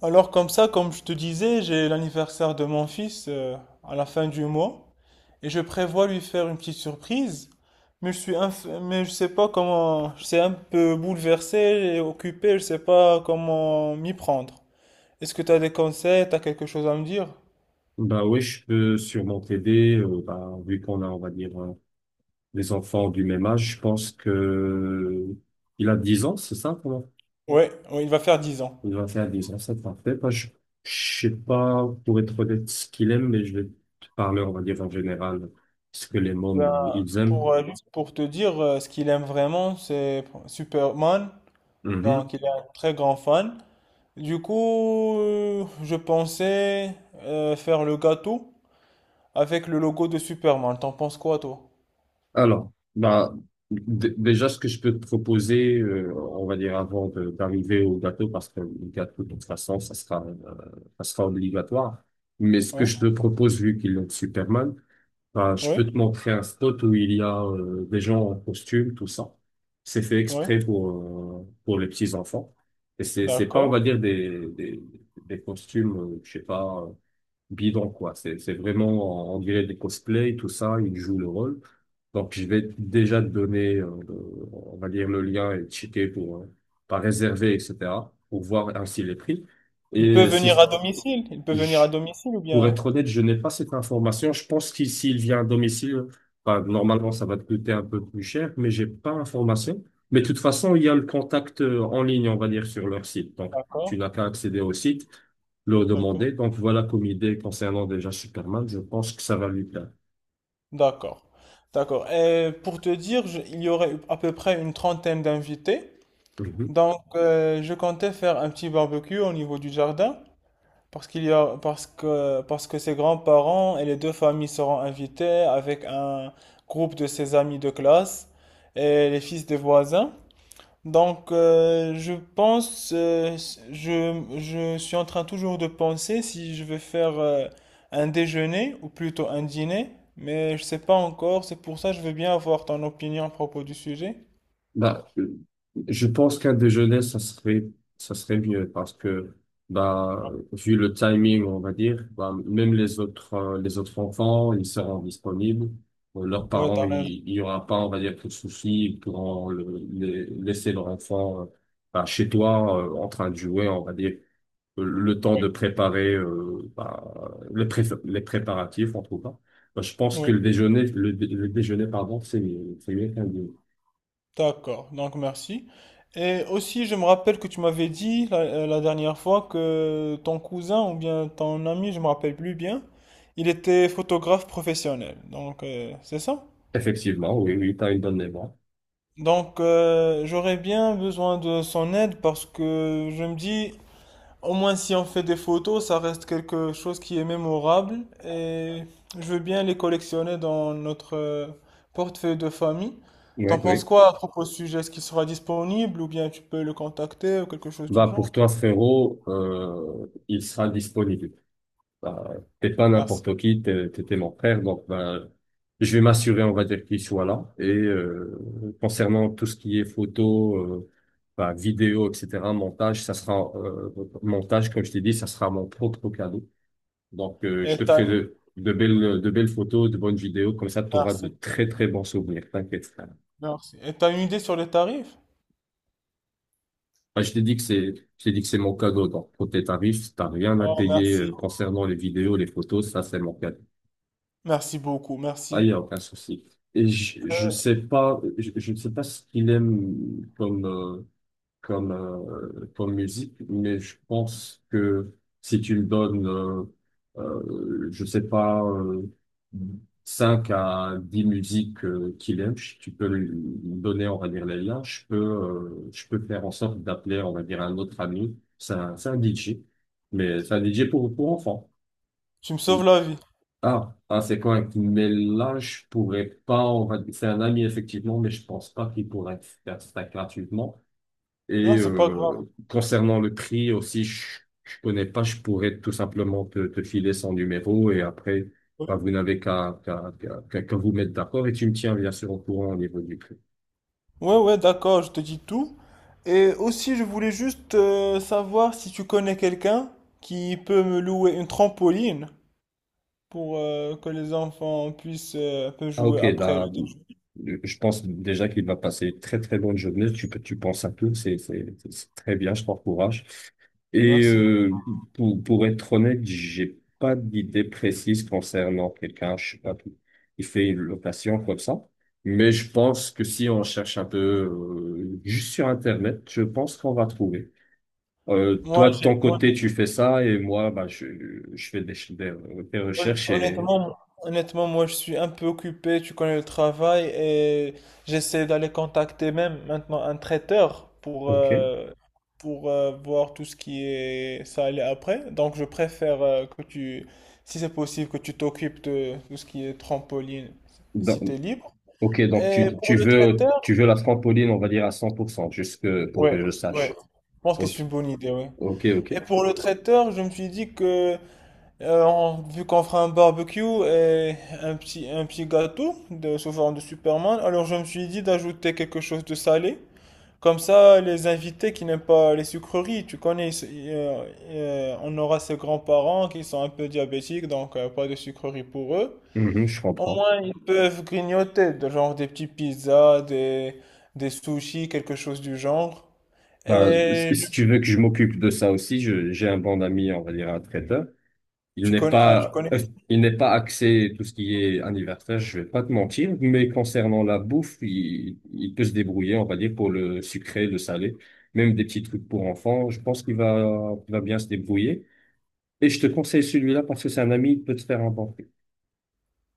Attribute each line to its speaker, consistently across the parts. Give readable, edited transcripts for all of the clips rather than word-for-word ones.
Speaker 1: Alors comme ça, comme je te disais, j'ai l'anniversaire de mon fils à la fin du mois et je prévois lui faire une petite surprise. Mais mais je sais pas comment, je suis un peu bouleversé et occupé, je sais pas comment m'y prendre. Est-ce que tu as des conseils, tu as quelque chose à me dire?
Speaker 2: Bah oui, je peux sûrement t'aider. Bah, vu qu'on a, on va dire, des enfants du même âge, je pense que il a 10 ans, c'est ça, comment?
Speaker 1: Ouais, ouais, il va faire 10 ans.
Speaker 2: Il va faire 10 ans, c'est parfait. Bah, je sais pas, pour être honnête, ce qu'il aime, mais je vais te parler, on va dire, en général, ce que les mômes,
Speaker 1: Ben,
Speaker 2: ils aiment.
Speaker 1: pour, juste pour te dire, ce qu'il aime vraiment, c'est Superman.
Speaker 2: Mhm.
Speaker 1: Donc, il est un très grand fan. Du coup, je pensais faire le gâteau. Avec le logo de Superman, t'en penses quoi, toi?
Speaker 2: Alors, bah, déjà, ce que je peux te proposer, on va dire avant d'arriver au gâteau, parce que le gâteau, de toute façon, ça sera obligatoire. Mais ce que
Speaker 1: Oui,
Speaker 2: je te propose, vu qu'il est Superman, bah, je
Speaker 1: oui,
Speaker 2: peux te montrer un spot où il y a des gens en costume, tout ça. C'est fait
Speaker 1: oui,
Speaker 2: exprès pour les petits enfants. Et c'est pas, on
Speaker 1: d'accord.
Speaker 2: va dire, des costumes, je sais pas, bidon, quoi. C'est vraiment, on dirait des cosplays, tout ça, ils jouent le rôle. Donc, je vais déjà te donner, on va dire, le lien et checker pour, pas réserver, etc., pour voir ainsi les prix.
Speaker 1: Il peut
Speaker 2: Et
Speaker 1: venir à
Speaker 2: si,
Speaker 1: domicile, il peut venir à domicile ou
Speaker 2: Pour
Speaker 1: bien...
Speaker 2: être honnête, je n'ai pas cette information. Je pense qu'il s'il vient à domicile, bah, normalement, ça va te coûter un peu plus cher, mais j'ai pas l'information. Mais de toute façon, il y a le contact en ligne, on va dire, sur leur site. Donc, tu
Speaker 1: D'accord,
Speaker 2: n'as qu'à accéder au site, le
Speaker 1: d'accord,
Speaker 2: demander. Donc, voilà comme idée concernant déjà Superman. Je pense que ça va lui plaire.
Speaker 1: d'accord, d'accord. Et pour te dire, il y aurait à peu près une trentaine d'invités. Donc, je comptais faire un petit barbecue au niveau du jardin parce qu'parce que ses grands-parents et les deux familles seront invités avec un groupe de ses amis de classe et les fils des voisins. Donc, je pense, je suis en train toujours de penser si je vais faire un déjeuner ou plutôt un dîner, mais je sais pas encore, c'est pour ça que je veux bien avoir ton opinion à propos du sujet.
Speaker 2: Bah, je pense qu'un déjeuner, ça serait mieux parce que, bah, vu le timing, on va dire, bah, même les autres enfants, ils seront disponibles. Leurs
Speaker 1: Oui,
Speaker 2: parents,
Speaker 1: t'as
Speaker 2: il
Speaker 1: raison.
Speaker 2: il y aura pas, on va dire, de soucis. Ils pourront laisser leur enfant, bah, chez toi, en train de jouer, on va dire. Le temps de préparer, bah, les préparatifs, on trouve pas. Bah, je pense que
Speaker 1: Oui,
Speaker 2: le déjeuner, le déjeuner, pardon, c'est mieux qu'un déjeuner.
Speaker 1: d'accord. Donc, merci. Et aussi, je me rappelle que tu m'avais dit la dernière fois que ton cousin ou bien ton ami, je me rappelle plus bien, il était photographe professionnel. Donc, c'est ça?
Speaker 2: Effectivement, oui, oui, tu as une bonne mémoire.
Speaker 1: Donc, j'aurais bien besoin de son aide parce que je me dis, au moins si on fait des photos, ça reste quelque chose qui est mémorable et je veux bien les collectionner dans notre portefeuille de famille.
Speaker 2: Oui,
Speaker 1: T'en penses
Speaker 2: oui.
Speaker 1: quoi à propos du sujet? Est-ce qu'il sera disponible ou bien tu peux le contacter ou quelque chose du
Speaker 2: Bah, pour
Speaker 1: genre?
Speaker 2: toi, frérot, il sera disponible. Bah, t'es pas
Speaker 1: Merci.
Speaker 2: n'importe qui, t'es mon frère, donc bah, je vais m'assurer, on va dire, qu'il soit là. Et concernant tout ce qui est photo, bah, vidéo, etc., montage, ça sera, montage, comme je t'ai dit, ça sera mon propre cadeau. Donc,
Speaker 1: Et
Speaker 2: je te ferai
Speaker 1: t'as,
Speaker 2: de belles photos, de bonnes vidéos, comme ça, tu auras de
Speaker 1: merci,
Speaker 2: très, très bons souvenirs. T'inquiète.
Speaker 1: merci. Et t'as une idée sur les tarifs?
Speaker 2: Ah, je t'ai dit que c'est, je t'ai dit que c'est mon cadeau. Donc, pour tes tarifs, t'as rien à
Speaker 1: Oh,
Speaker 2: payer
Speaker 1: merci.
Speaker 2: concernant les vidéos, les photos. Ça, c'est mon cadeau.
Speaker 1: Merci beaucoup,
Speaker 2: Ah, il
Speaker 1: merci.
Speaker 2: n'y a aucun souci. Et je, je
Speaker 1: Euh,
Speaker 2: sais pas, je, je ne sais pas ce qu'il aime comme musique, mais je pense que si tu me donnes, je sais pas, 5 à 10 musiques, qu'il aime, tu peux lui donner, on va dire, les liens, je peux faire en sorte d'appeler, on va dire, un autre ami, c'est un DJ, mais c'est un DJ pour enfants.
Speaker 1: Tu me sauves la vie.
Speaker 2: Ah, ah, c'est correct. Mais là, je pourrais pas. On va. C'est un ami, effectivement, mais je pense pas qu'il pourrait faire ça gratuitement. Et
Speaker 1: Non, c'est pas grave.
Speaker 2: concernant le prix aussi, je connais pas, je pourrais tout simplement te filer son numéro et après, bah, vous n'avez qu'à vous mettre d'accord et tu me tiens bien sûr au courant au niveau du prix.
Speaker 1: Ouais, ouais, d'accord, je te dis tout. Et aussi, je voulais juste savoir si tu connais quelqu'un qui peut me louer une trampoline pour que les enfants puissent un peu
Speaker 2: Ah,
Speaker 1: jouer
Speaker 2: ok,
Speaker 1: après le
Speaker 2: là,
Speaker 1: déjeuner.
Speaker 2: je pense déjà qu'il va passer une très très bonne journée. Tu penses à tout, c'est très bien, je t'encourage. Et
Speaker 1: Merci.
Speaker 2: pour être honnête, j'ai pas d'idée précise concernant quelqu'un, je sais pas, qui fait une location comme ça. Mais je pense que si on cherche un peu, juste sur Internet, je pense qu'on va trouver.
Speaker 1: Moi,
Speaker 2: Toi, de
Speaker 1: j'ai,
Speaker 2: ton
Speaker 1: moi,
Speaker 2: côté,
Speaker 1: j'ai-
Speaker 2: tu fais ça et moi, bah, je fais des
Speaker 1: Hon-
Speaker 2: recherches et...
Speaker 1: Honnêtement, honnêtement, moi je suis un peu occupé, tu connais le travail et j'essaie d'aller contacter même maintenant un traiteur pour,
Speaker 2: Ok.
Speaker 1: voir tout ce qui est ça aller après. Donc je préfère si c'est possible, que tu t'occupes de tout ce qui est trampoline si tu es libre.
Speaker 2: Ok, donc
Speaker 1: Et
Speaker 2: tu,
Speaker 1: pour
Speaker 2: tu
Speaker 1: le
Speaker 2: veux
Speaker 1: traiteur,
Speaker 2: tu veux la trampoline, on va dire à 100%, pour
Speaker 1: ouais,
Speaker 2: que je
Speaker 1: ouais,
Speaker 2: sache.
Speaker 1: je pense que c'est
Speaker 2: Ok,
Speaker 1: une bonne idée, ouais.
Speaker 2: ok, ok.
Speaker 1: Et pour le traiteur, je me suis dit que vu qu'on fera un barbecue et un petit gâteau de, sous forme de Superman, alors je me suis dit d'ajouter quelque chose de salé. Comme ça, les invités qui n'aiment pas les sucreries, tu connais, on aura ses grands-parents qui sont un peu diabétiques, donc pas de sucreries pour eux.
Speaker 2: Mhm, je
Speaker 1: Au
Speaker 2: comprends.
Speaker 1: moins, ils peuvent grignoter, de genre des petits pizzas, des sushis, quelque chose du genre.
Speaker 2: Ben,
Speaker 1: Et
Speaker 2: si
Speaker 1: je-
Speaker 2: si tu veux que je m'occupe de ça aussi, j'ai un bon ami, on va dire un traiteur. Il
Speaker 1: tu
Speaker 2: n'est
Speaker 1: connais, ah, tu
Speaker 2: pas
Speaker 1: connais,
Speaker 2: euh, il n'est pas axé tout ce qui est anniversaire, je vais pas te mentir, mais concernant la bouffe, il peut se débrouiller, on va dire, pour le sucré, le salé, même des petits trucs pour enfants. Je pense qu'il va bien se débrouiller. Et je te conseille celui-là parce que c'est un ami, il peut te faire un bon.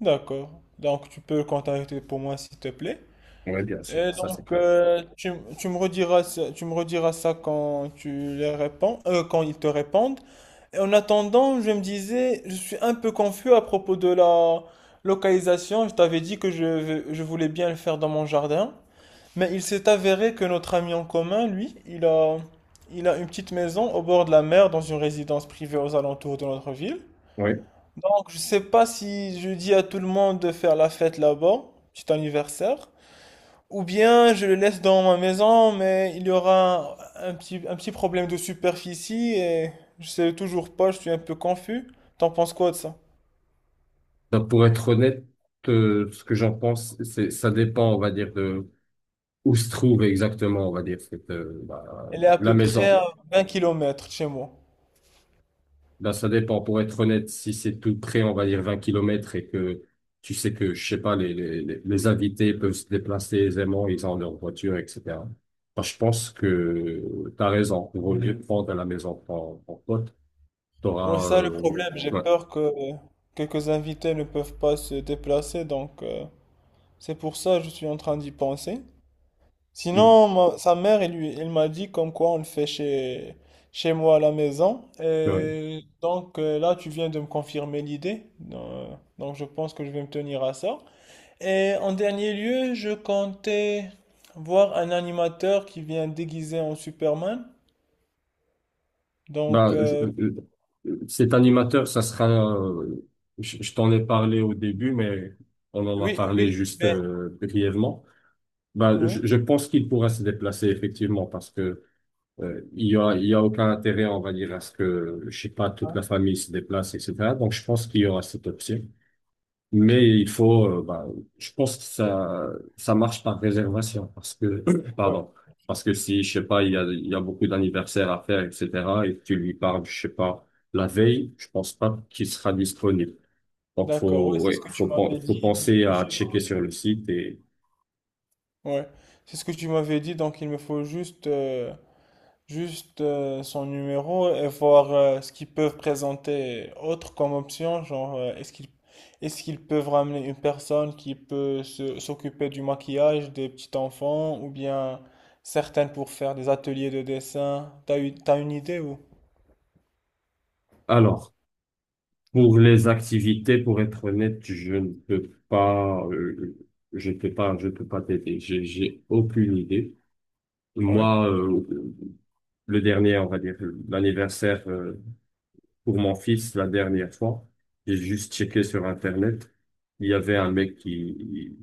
Speaker 1: d'accord. Donc, tu peux le contacter pour moi, s'il te plaît.
Speaker 2: Oui, bien sûr,
Speaker 1: Et
Speaker 2: ça c'est
Speaker 1: donc,
Speaker 2: clair.
Speaker 1: tu me rediras ça quand quand ils te répondent. Et en attendant, je me disais, je suis un peu confus à propos de la localisation. Je t'avais dit que je voulais bien le faire dans mon jardin. Mais il s'est avéré que notre ami en commun, lui, il a une petite maison au bord de la mer dans une résidence privée aux alentours de notre ville.
Speaker 2: Oui.
Speaker 1: Donc, je sais pas si je dis à tout le monde de faire la fête là-bas, petit anniversaire. Ou bien je le laisse dans ma maison, mais il y aura un petit problème de superficie et je sais toujours pas, je suis un peu confus. T'en penses quoi de ça?
Speaker 2: Donc, pour être honnête, ce que j'en pense, c'est ça dépend, on va dire, de où se trouve exactement, on va dire, bah,
Speaker 1: Elle est à
Speaker 2: la
Speaker 1: peu près
Speaker 2: maison.
Speaker 1: à 20 km de chez moi.
Speaker 2: Là, ça dépend. Pour être honnête, si c'est tout près, on va dire 20 kilomètres, et que tu sais que, je sais pas, les invités peuvent se déplacer aisément, ils ont leur voiture, etc. Bah, je pense que tu as raison. Au lieu de prendre à la maison pour ton pote, tu
Speaker 1: Moi,
Speaker 2: auras.
Speaker 1: c'est ça le problème, j'ai
Speaker 2: Ouais.
Speaker 1: peur que quelques invités ne peuvent pas se déplacer, donc c'est pour ça que je suis en train d'y penser.
Speaker 2: Mm.
Speaker 1: Sinon, sa mère, elle, lui- elle m'a dit comme quoi on le fait chez, chez moi à la maison.
Speaker 2: Ouais.
Speaker 1: Et donc là, tu viens de me confirmer l'idée. Donc je pense que je vais me tenir à ça. Et en dernier lieu, je comptais voir un animateur qui vient déguisé en Superman. Donc
Speaker 2: Bah, cet animateur, euh, je t'en ai parlé au début, mais on en a
Speaker 1: oui,
Speaker 2: parlé
Speaker 1: oui,
Speaker 2: juste,
Speaker 1: mais
Speaker 2: brièvement. Bah,
Speaker 1: oui.
Speaker 2: je pense qu'il pourra se déplacer effectivement parce que, il y a aucun intérêt, on va dire, à ce que, je sais pas, toute
Speaker 1: Ouais,
Speaker 2: la famille se déplace, etc. Donc, je pense qu'il y aura cette option. Mais il faut, bah, je pense que
Speaker 1: ouais,
Speaker 2: ça marche par réservation parce que,
Speaker 1: ouais.
Speaker 2: pardon, parce que si, je sais pas, il y a beaucoup d'anniversaires à faire, etc., et que tu lui parles, je sais pas, la veille, je pense pas qu'il sera disponible. Donc,
Speaker 1: D'accord, oui, c'est ce
Speaker 2: ouais,
Speaker 1: que tu
Speaker 2: faut,
Speaker 1: m'avais
Speaker 2: faut
Speaker 1: dit. Il me
Speaker 2: penser
Speaker 1: faut
Speaker 2: à
Speaker 1: juste-
Speaker 2: checker sur le site. Et,
Speaker 1: Ouais, c'est ce que tu m'avais dit, donc il me faut juste son numéro et voir ce qu'ils peuvent présenter autre comme option, genre est-ce qu'ils peuvent ramener une personne qui peut s'occuper du maquillage des petits enfants ou bien certaines pour faire des ateliers de dessin. T'as une idée ou?
Speaker 2: alors, pour les activités, pour être honnête, je ne peux pas, je peux pas, je peux pas t'aider. J'ai aucune idée.
Speaker 1: Oui.
Speaker 2: Moi, le dernier, on va dire, l'anniversaire, pour mon fils la dernière fois. J'ai juste checké sur Internet. Il y avait un mec qui,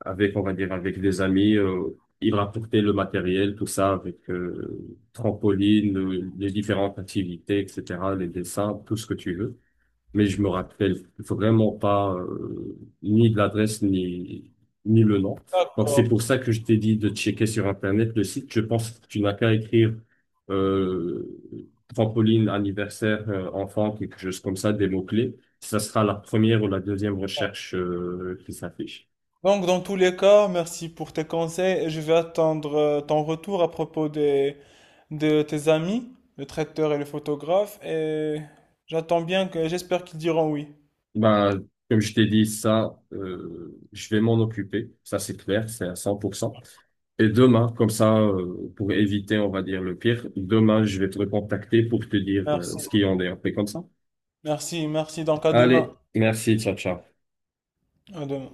Speaker 2: avec, on va dire, avec des amis, il rapportait le matériel, tout ça, avec, trampoline, les différentes activités, etc., les dessins, tout ce que tu veux, mais je me rappelle vraiment pas, ni de l'adresse ni le nom. Donc c'est
Speaker 1: D'accord.
Speaker 2: pour ça que je t'ai dit de checker sur Internet le site. Je pense que tu n'as qu'à écrire, euh, trampoline anniversaire, enfant, quelque chose comme ça, des mots-clés. Ça sera la première ou la deuxième recherche, qui s'affiche.
Speaker 1: Donc dans tous les cas, merci pour tes conseils et je vais attendre ton retour à propos des, de tes amis, le traiteur et le photographe et j'attends bien que j'espère qu'ils diront oui.
Speaker 2: Bah, comme je t'ai dit, ça, je vais m'en occuper. Ça, c'est clair, c'est à 100%. Et demain, comme ça, pour éviter, on va dire, le pire, demain, je vais te recontacter pour te dire,
Speaker 1: Merci,
Speaker 2: ce qu'il en est. On fait comme ça.
Speaker 1: merci, merci. Donc à
Speaker 2: Allez,
Speaker 1: demain.
Speaker 2: merci, ciao, ciao.
Speaker 1: À demain.